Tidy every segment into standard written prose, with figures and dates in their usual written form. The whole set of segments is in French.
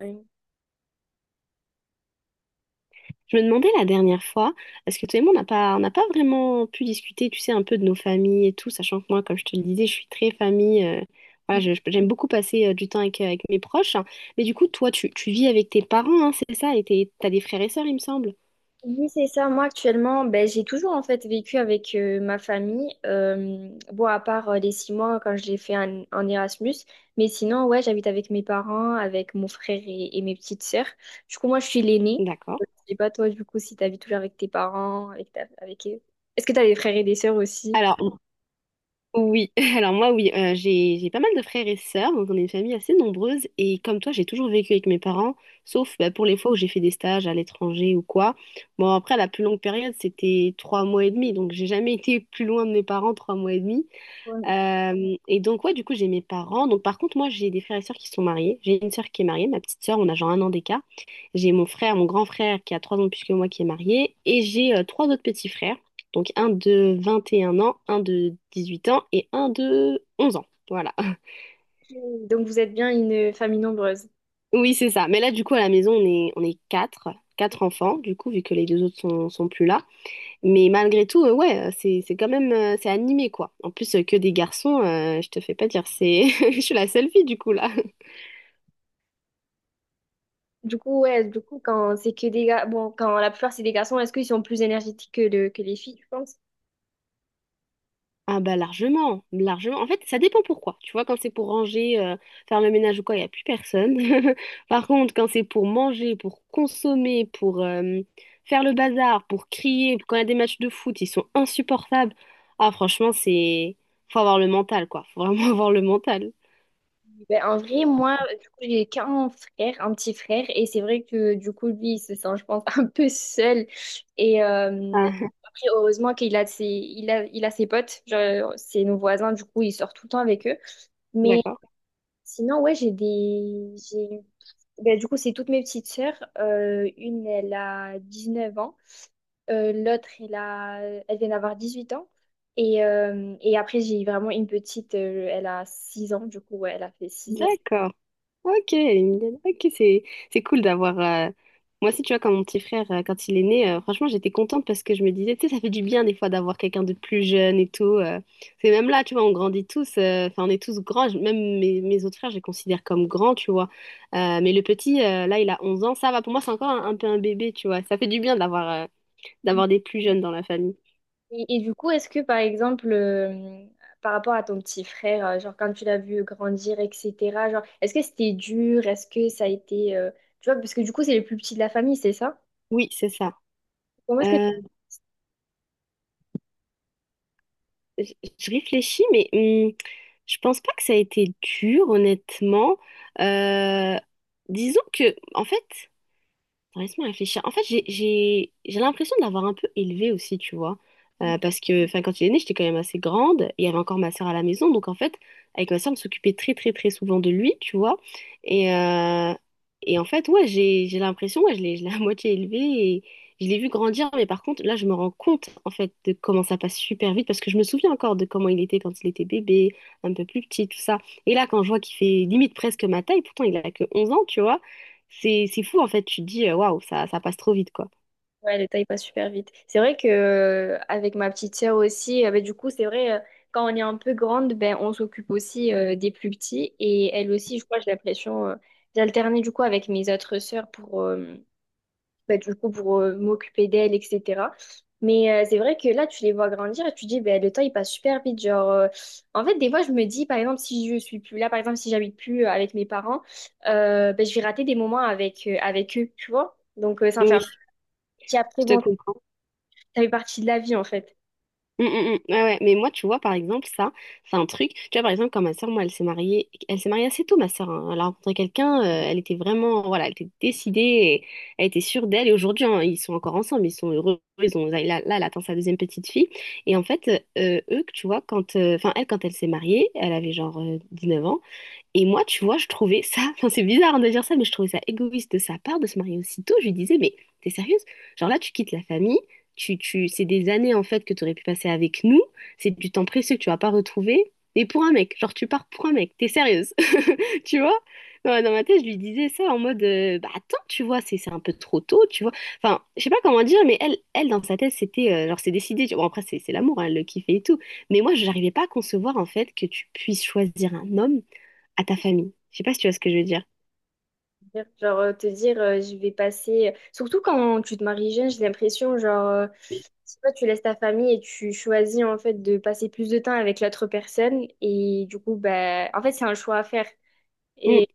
Oui, Je me demandais la dernière fois, est-ce que toi et moi, on n'a pas vraiment pu discuter, tu sais, un peu de nos familles et tout, sachant que moi, comme je te le disais, je suis très famille. Voilà, j'aime beaucoup passer du temps avec mes proches. Mais du coup, toi, tu vis avec tes parents, hein, c'est ça? Et t'as des frères et sœurs, il me semble. oui, c'est ça. Moi, actuellement, ben, j'ai toujours en fait vécu avec ma famille. Bon, à part les 6 mois quand je l'ai fait en Erasmus. Mais sinon, ouais, j'habite avec mes parents, avec mon frère et mes petites sœurs. Du coup, moi, je suis l'aînée. D'accord. Je sais pas, toi, du coup, si t'habites toujours avec tes parents, avec, avec eux. Est-ce que t'as des frères et des sœurs aussi? Alors, oui, alors moi oui, j'ai pas mal de frères et sœurs, donc on est une famille assez nombreuse et comme toi j'ai toujours vécu avec mes parents, sauf bah, pour les fois où j'ai fait des stages à l'étranger ou quoi. Bon, après la plus longue période c'était 3 mois et demi, donc j'ai jamais été plus loin de mes parents 3 mois et demi. Ok. Et donc, ouais, du coup, j'ai mes parents. Donc, par contre, moi, j'ai des frères et sœurs qui sont mariés. J'ai une sœur qui est mariée, ma petite sœur, on a genre un an d'écart. J'ai mon frère, mon grand frère qui a 3 ans de plus que moi qui est marié. Et j'ai trois autres petits frères. Donc, un de 21 ans, un de 18 ans et un de 11 ans. Voilà. Donc, vous êtes bien une famille nombreuse. Oui, c'est ça. Mais là, du coup, à la maison, on est quatre, quatre enfants, du coup, vu que les deux autres sont plus là. Mais malgré tout, ouais, c'est quand même, c'est animé, quoi. En plus, que des garçons, je te fais pas dire, c'est, je suis la seule fille, du coup, là. Du coup, ouais, du coup, quand c'est que des gars, bon, quand la plupart c'est des garçons, est-ce qu'ils sont plus énergétiques que, que les filles, tu penses? Ah bah, largement, largement. En fait, ça dépend pourquoi. Tu vois, quand c'est pour ranger, faire le ménage ou quoi, il n'y a plus personne. Par contre, quand c'est pour manger, pour consommer, pour faire le bazar, pour crier, quand il y a des matchs de foot, ils sont insupportables. Ah, franchement, c'est... Faut avoir le mental, quoi. Faut vraiment avoir le mental. Ben, en vrai, moi, du coup, j'ai qu'un frère, un petit frère, et c'est vrai que du coup, lui, il se sent, je pense, un peu seul. Et Ah, après, heureusement qu'il a ses, il a ses potes, genre, c'est nos voisins, du coup, il sort tout le temps avec eux. Mais d'accord. sinon, ouais, j'ai des. J'ai... Ben, du coup, c'est toutes mes petites sœurs. Une, elle a 19 ans. L'autre, elle a... elle vient d'avoir 18 ans. Et après, j'ai vraiment une petite, elle a 6 ans, du coup, ouais, elle a fait 6 ans. D'accord. Ok, une dizaine. Ok, c'est cool d'avoir. Moi aussi, tu vois, quand mon petit frère, quand il est né, franchement, j'étais contente parce que je me disais, tu sais, ça fait du bien des fois d'avoir quelqu'un de plus jeune et tout. C'est même là, tu vois, on grandit tous, enfin, on est tous grands. Même mes autres frères, je les considère comme grands, tu vois. Mais le petit, là, il a 11 ans, ça va. Pour moi, c'est encore un peu un bébé, tu vois. Ça fait du bien d'avoir des plus jeunes dans la famille. Et du coup, est-ce que par exemple, par rapport à ton petit frère, genre quand tu l'as vu grandir, etc., genre, est-ce que c'était dur? Est-ce que ça a été, tu vois, parce que du coup, c'est le plus petit de la famille, c'est ça? Oui, c'est ça. Comment est-ce que. Euh, je je réfléchis, mais je pense pas que ça a été dur, honnêtement. Euh, Disons que, en fait, attends, laisse-moi réfléchir. En fait, j'ai l'impression de l'avoir un peu élevé aussi, tu vois. Parce que enfin, quand il est né, j'étais quand même assez grande et il y avait encore ma soeur à la maison. Donc, en fait, avec ma soeur, on s'occupait très, très, très souvent de lui, tu vois. Et, euh, et en fait, ouais, j'ai l'impression, ouais, je l'ai à moitié élevé et je l'ai vu grandir. Mais par contre, là, je me rends compte, en fait, de comment ça passe super vite parce que je me souviens encore de comment il était quand il était bébé, un peu plus petit, tout ça. Et là, quand je vois qu'il fait limite presque ma taille, pourtant, il a que 11 ans, tu vois. C'est fou en fait, tu te dis waouh, ça passe trop vite, quoi. Ouais, le temps, il passe super vite. C'est vrai que avec ma petite sœur aussi, ben, du coup, c'est vrai, quand on est un peu grande, ben, on s'occupe aussi des plus petits. Et elle aussi, je crois, j'ai l'impression, d'alterner du coup avec mes autres sœurs pour, bah, du coup, pour m'occuper d'elle, etc. Mais c'est vrai que là, tu les vois grandir et tu te dis, bah, le temps, il passe super vite. Genre, en fait, des fois, je me dis, par exemple, si je suis plus là, par exemple, si j'habite plus avec mes parents, bah, je vais rater des moments avec, avec eux, tu vois. Donc, ça me fait Oui, un petit après, je te bon, comprends. ça fait partie de la vie, en fait. Mm, mm, mm. Ouais, ouais. Mais moi, tu vois, par exemple, ça, c'est un truc. Tu vois, par exemple, quand ma soeur, moi, elle s'est mariée assez tôt, ma soeur. Elle a rencontré quelqu'un, elle était vraiment, voilà, elle était décidée, et elle était sûre d'elle. Et aujourd'hui, hein, ils sont encore ensemble, ils sont heureux. Ils ont, là, là, elle attend sa deuxième petite fille. Et en fait, eux, tu vois, quand, enfin, elle, quand elle s'est mariée, elle avait genre 9 ans. Et moi, tu vois, je trouvais ça, enfin c'est bizarre hein, de dire ça, mais je trouvais ça égoïste de sa part de se marier aussi tôt. Je lui disais, mais t'es sérieuse? Genre là, tu quittes la famille, c'est des années en fait que tu aurais pu passer avec nous, c'est du temps précieux que tu vas pas retrouver, et pour un mec, genre tu pars pour un mec, t'es sérieuse, tu vois? Ouais, dans ma tête, je lui disais ça en mode, bah attends, tu vois, c'est un peu trop tôt, tu vois. Enfin, je sais pas comment dire, mais elle, elle dans sa tête, c'était, genre c'est décidé, tu bon, après, c'est l'amour, hein, elle le kiffait et tout. Mais moi, je n'arrivais pas à concevoir en fait que tu puisses choisir un homme à ta famille. Je sais pas si tu vois ce que je veux dire. Genre, te dire, je vais passer. Surtout quand tu te maries jeune, j'ai l'impression, genre, je sais tu laisses ta famille et tu choisis, en fait, de passer plus de temps avec l'autre personne. Et du coup, ben, en fait, c'est un choix à faire. Mm, Et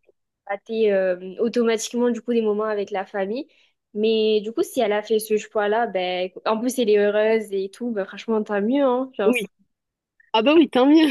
bah, t'es, automatiquement, du coup, des moments avec la famille. Mais du coup, si elle a fait ce choix-là, ben, en plus, elle est heureuse et tout, ben, franchement, tant mieux, hein. Genre, oui, c'est- ah bah oui, tant mieux.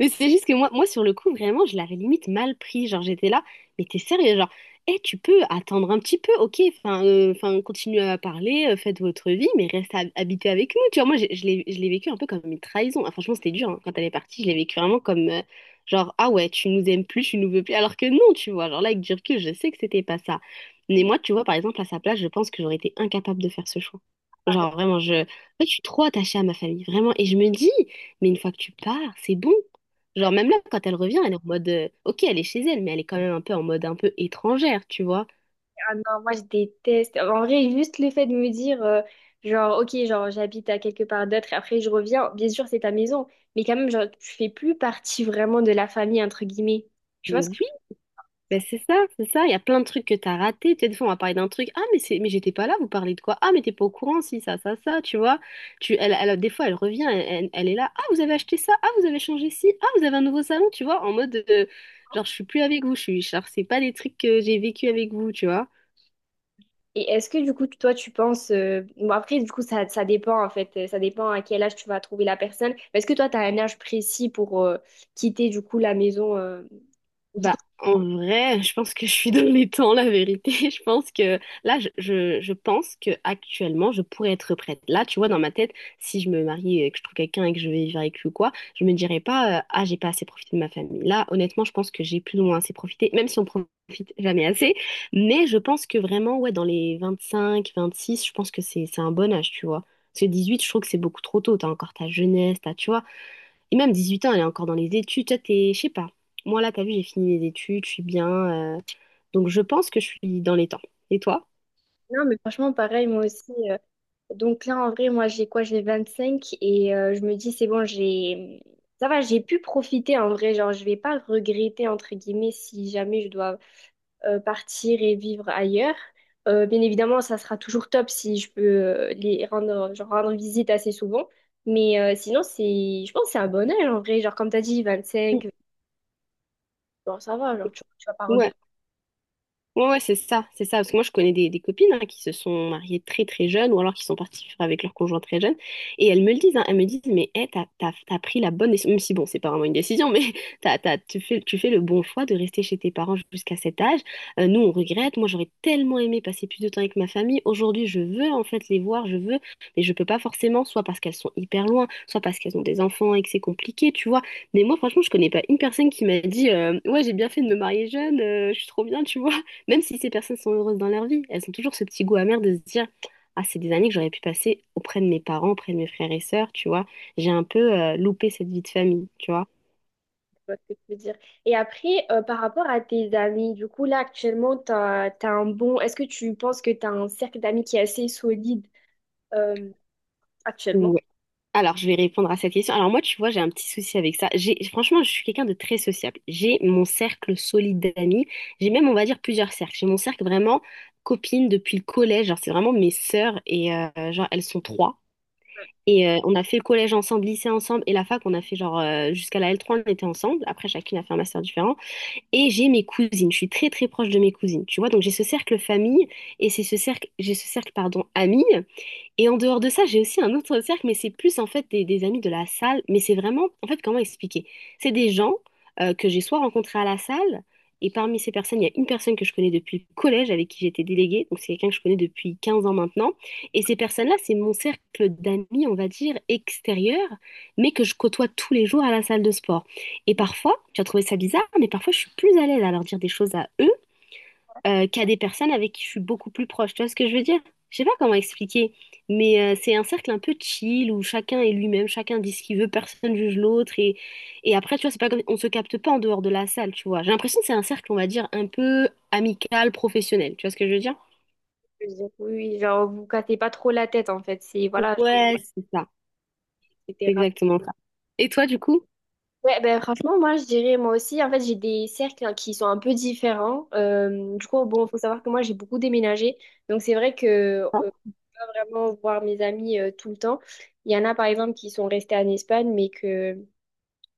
Mais c'est juste que moi, sur le coup, vraiment, je l'avais limite mal pris. Genre, j'étais là, mais t'es sérieux, genre, eh, tu peux attendre un petit peu, ok, enfin, enfin, continuez à parler, faites votre vie, mais reste habité avec nous. Tu vois, moi, je l'ai vécu un peu comme une trahison. Ah, franchement, c'était dur, hein. Quand elle est partie, je l'ai vécu vraiment comme, genre, ah ouais, tu nous aimes plus, tu nous veux plus, alors que non, tu vois, genre là, avec du recul, je sais que c'était pas ça. Mais moi, tu vois, par exemple, à sa place, je pense que j'aurais été incapable de faire ce choix. Genre, vraiment, je... En fait, je suis trop attachée à ma famille, vraiment. Et je me dis, mais une fois que tu pars, c'est bon. Genre, même là, quand elle revient, elle est en mode, ok, elle est chez elle, mais elle est quand même un peu en mode un peu étrangère, tu vois. Ah non, moi je déteste. En vrai, juste le fait de me dire, genre, ok, genre j'habite à quelque part d'autre et après je reviens, bien sûr c'est ta maison, mais quand même, genre, tu fais plus partie vraiment de la famille, entre guillemets. Tu Mais vois ce que... oui, ben c'est ça, c'est ça. Il y a plein de trucs que t'as ratés. Tu sais, des fois, on va parler d'un truc. Ah, mais mais j'étais pas là, vous parlez de quoi? Ah, mais t'es pas au courant, si, ça, tu vois. Elle, des fois, elle revient, elle est là. Ah, vous avez acheté ça. Ah, vous avez changé ci. Ah, vous avez un nouveau salon, tu vois. En mode, genre, je suis plus avec vous. Je suis, genre, c'est pas des trucs que j'ai vécu avec vous, tu vois. Et est-ce que du coup, toi, tu penses... Bon, après, du coup, ça dépend en fait, ça dépend à quel âge tu vas trouver la personne. Mais est-ce que toi, tu as un âge précis pour quitter du coup la maison du coup... Bah, en vrai, je pense que je suis dans les temps, la vérité. Je pense que là, je pense que actuellement, je pourrais être prête. Là, tu vois, dans ma tête, si je me marie et que je trouve quelqu'un et que je vais vivre avec lui ou quoi, je me dirais pas, ah, j'ai pas assez profité de ma famille. Là, honnêtement, je pense que j'ai plus ou moins assez profité, même si on profite jamais assez. Mais je pense que vraiment, ouais, dans les 25-26 je pense que c'est un bon âge, tu vois. Parce que huit je trouve que c'est beaucoup trop tôt. T'as encore ta jeunesse, tu vois. Et même 18 ans, elle est encore dans les études. Toi, t'es, je sais pas. Moi, là, t'as vu, j'ai fini mes études, je suis bien. euh, Donc, je pense que je suis dans les temps. Et toi? Non, mais franchement, pareil, moi aussi. Donc là, en vrai, moi, j'ai quoi? J'ai 25 et je me dis, c'est bon, j'ai... Ça va, j'ai pu profiter en vrai. Genre, je vais pas regretter, entre guillemets, si jamais je dois partir et vivre ailleurs. Bien évidemment, ça sera toujours top si je peux les rendre, genre, rendre visite assez souvent. Mais sinon, c'est... je pense que c'est un bon âge en vrai. Genre, comme tu as dit, Mm. 25, bon, ça va, genre, tu vas pas Ouais. Ouais, ouais, c'est ça, c'est ça. Parce que moi, je connais des copines hein, qui se sont mariées très très jeunes ou alors qui sont parties vivre avec leur conjoint très jeune. Et elles me le disent, hein, elles me disent, mais hey, t'as pris la bonne décision. Même si bon, c'est pas vraiment une décision, mais tu fais le bon choix de rester chez tes parents jusqu'à cet âge. Nous, on regrette. Moi, j'aurais tellement aimé passer plus de temps avec ma famille. Aujourd'hui, je veux en fait les voir, mais je peux pas forcément, soit parce qu'elles sont hyper loin, soit parce qu'elles ont des enfants et que c'est compliqué, tu vois. Mais moi, franchement, je connais pas une personne qui m'a dit, ouais, j'ai bien fait de me marier jeune, je suis trop bien, tu vois. Même si ces personnes sont heureuses dans leur vie, elles ont toujours ce petit goût amer de se dire, ah, c'est des années que j'aurais pu passer auprès de mes parents, auprès de mes frères et sœurs, tu vois. J'ai un peu loupé cette vie de famille, tu vois. vois ce que tu veux dire. Et après, par rapport à tes amis, du coup, là, actuellement, t'as, t'as un bon... Est-ce que tu penses que tu as un cercle d'amis qui est assez solide euh, actuellement? Ou alors, je vais répondre à cette question. Alors moi, tu vois, j'ai un petit souci avec ça. J'ai franchement, je suis quelqu'un de très sociable. J'ai mon cercle solide d'amis. J'ai même, on va dire, plusieurs cercles. J'ai mon cercle vraiment copine depuis le collège. Genre, c'est vraiment mes sœurs et genre elles sont trois. Et on a fait le collège ensemble, lycée ensemble, et la fac, on a fait genre jusqu'à la L3, on était ensemble. Après, chacune a fait un master différent. Et j'ai mes cousines, je suis très très proche de mes cousines, tu vois. Donc j'ai ce cercle famille, et c'est ce cercle, j'ai ce cercle, pardon, amis. Et en dehors de ça, j'ai aussi un autre cercle, mais c'est plus en fait des amis de la salle. Mais c'est vraiment, en fait, comment expliquer? C'est des gens que j'ai soit rencontrés à la salle, et parmi ces personnes, il y a une personne que je connais depuis le collège, avec qui j'étais déléguée, donc c'est quelqu'un que je connais depuis 15 ans maintenant. Et ces personnes-là, c'est mon cercle d'amis, on va dire, extérieur, mais que je côtoie tous les jours à la salle de sport. Et parfois, tu as trouvé ça bizarre, mais parfois je suis plus à l'aise à leur dire des choses à eux qu'à des personnes avec qui je suis beaucoup plus proche. Tu vois ce que je veux dire? Je sais pas comment expliquer, mais c'est un cercle un peu chill où chacun est lui-même, chacun dit ce qu'il veut, personne juge l'autre et après tu vois c'est pas comme on se capte pas en dehors de la salle, tu vois. J'ai l'impression que c'est un cercle on va dire un peu amical, professionnel. Tu vois ce que je veux dire? Je veux dire, oui, genre, vous cassez pas trop la tête, en fait. C'est, voilà, genre, Ouais, c'est ça, c'est etc. exactement ça. Et toi du coup? Ouais, ben franchement, moi, je dirais, moi aussi, en fait, j'ai des cercles hein, qui sont un peu différents. Du coup, bon, faut savoir que moi, j'ai beaucoup déménagé. Donc, c'est vrai que euh, Ah, pas vraiment voir mes amis tout le temps. Il y en a, par exemple, qui sont restés en Espagne, mais que...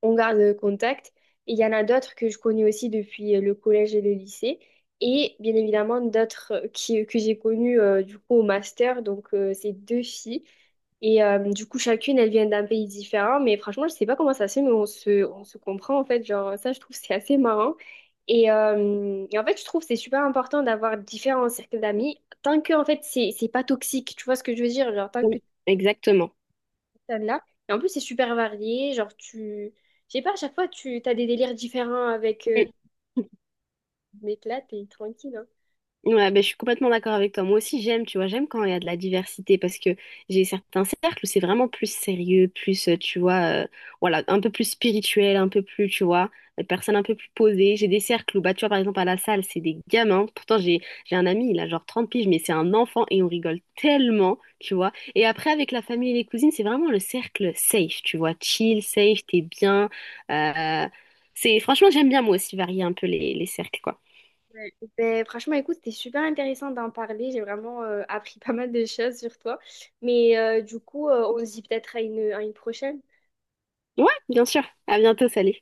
on garde contact. Et il y en a d'autres que je connais aussi depuis le collège et le lycée. Et bien évidemment, d'autres qui, que j'ai connues du coup au master. Donc, c'est deux filles. Et du coup, chacune, elle vient d'un pays différent. Mais franchement, je sais pas comment ça se fait, mais on se comprend en fait. Genre, ça, je trouve, c'est assez marrant. Et en fait, je trouve que c'est super important d'avoir différents cercles d'amis tant que en fait, c'est pas toxique. Tu vois ce que je veux dire? Genre, tant que oui, exactement. celle-là. Et en plus, c'est super varié. Genre, tu. Je sais pas, à chaque fois, tu as des délires différents avec. Mm. Mais là, t'es tranquille, hein. Ouais, ben, je suis complètement d'accord avec toi. Moi aussi, j'aime, tu vois, j'aime quand il y a de la diversité parce que j'ai certains cercles où c'est vraiment plus sérieux, plus, tu vois, voilà, un peu plus spirituel, un peu plus, tu vois, des personnes un peu plus posées. J'ai des cercles où, bah, tu vois, par exemple, à la salle, c'est des gamins. Pourtant, j'ai un ami, il a genre 30 piges, mais c'est un enfant et on rigole tellement, tu vois. Et après, avec la famille et les cousines, c'est vraiment le cercle safe, tu vois, chill, safe, t'es bien. Euh, c'est, franchement, j'aime bien moi aussi varier un peu les cercles, quoi. Ouais. Ben, franchement, écoute, c'était super intéressant d'en parler. J'ai vraiment appris pas mal de choses sur toi. Mais du coup, on se dit peut-être à une prochaine. Ouais, bien sûr. À bientôt, salut.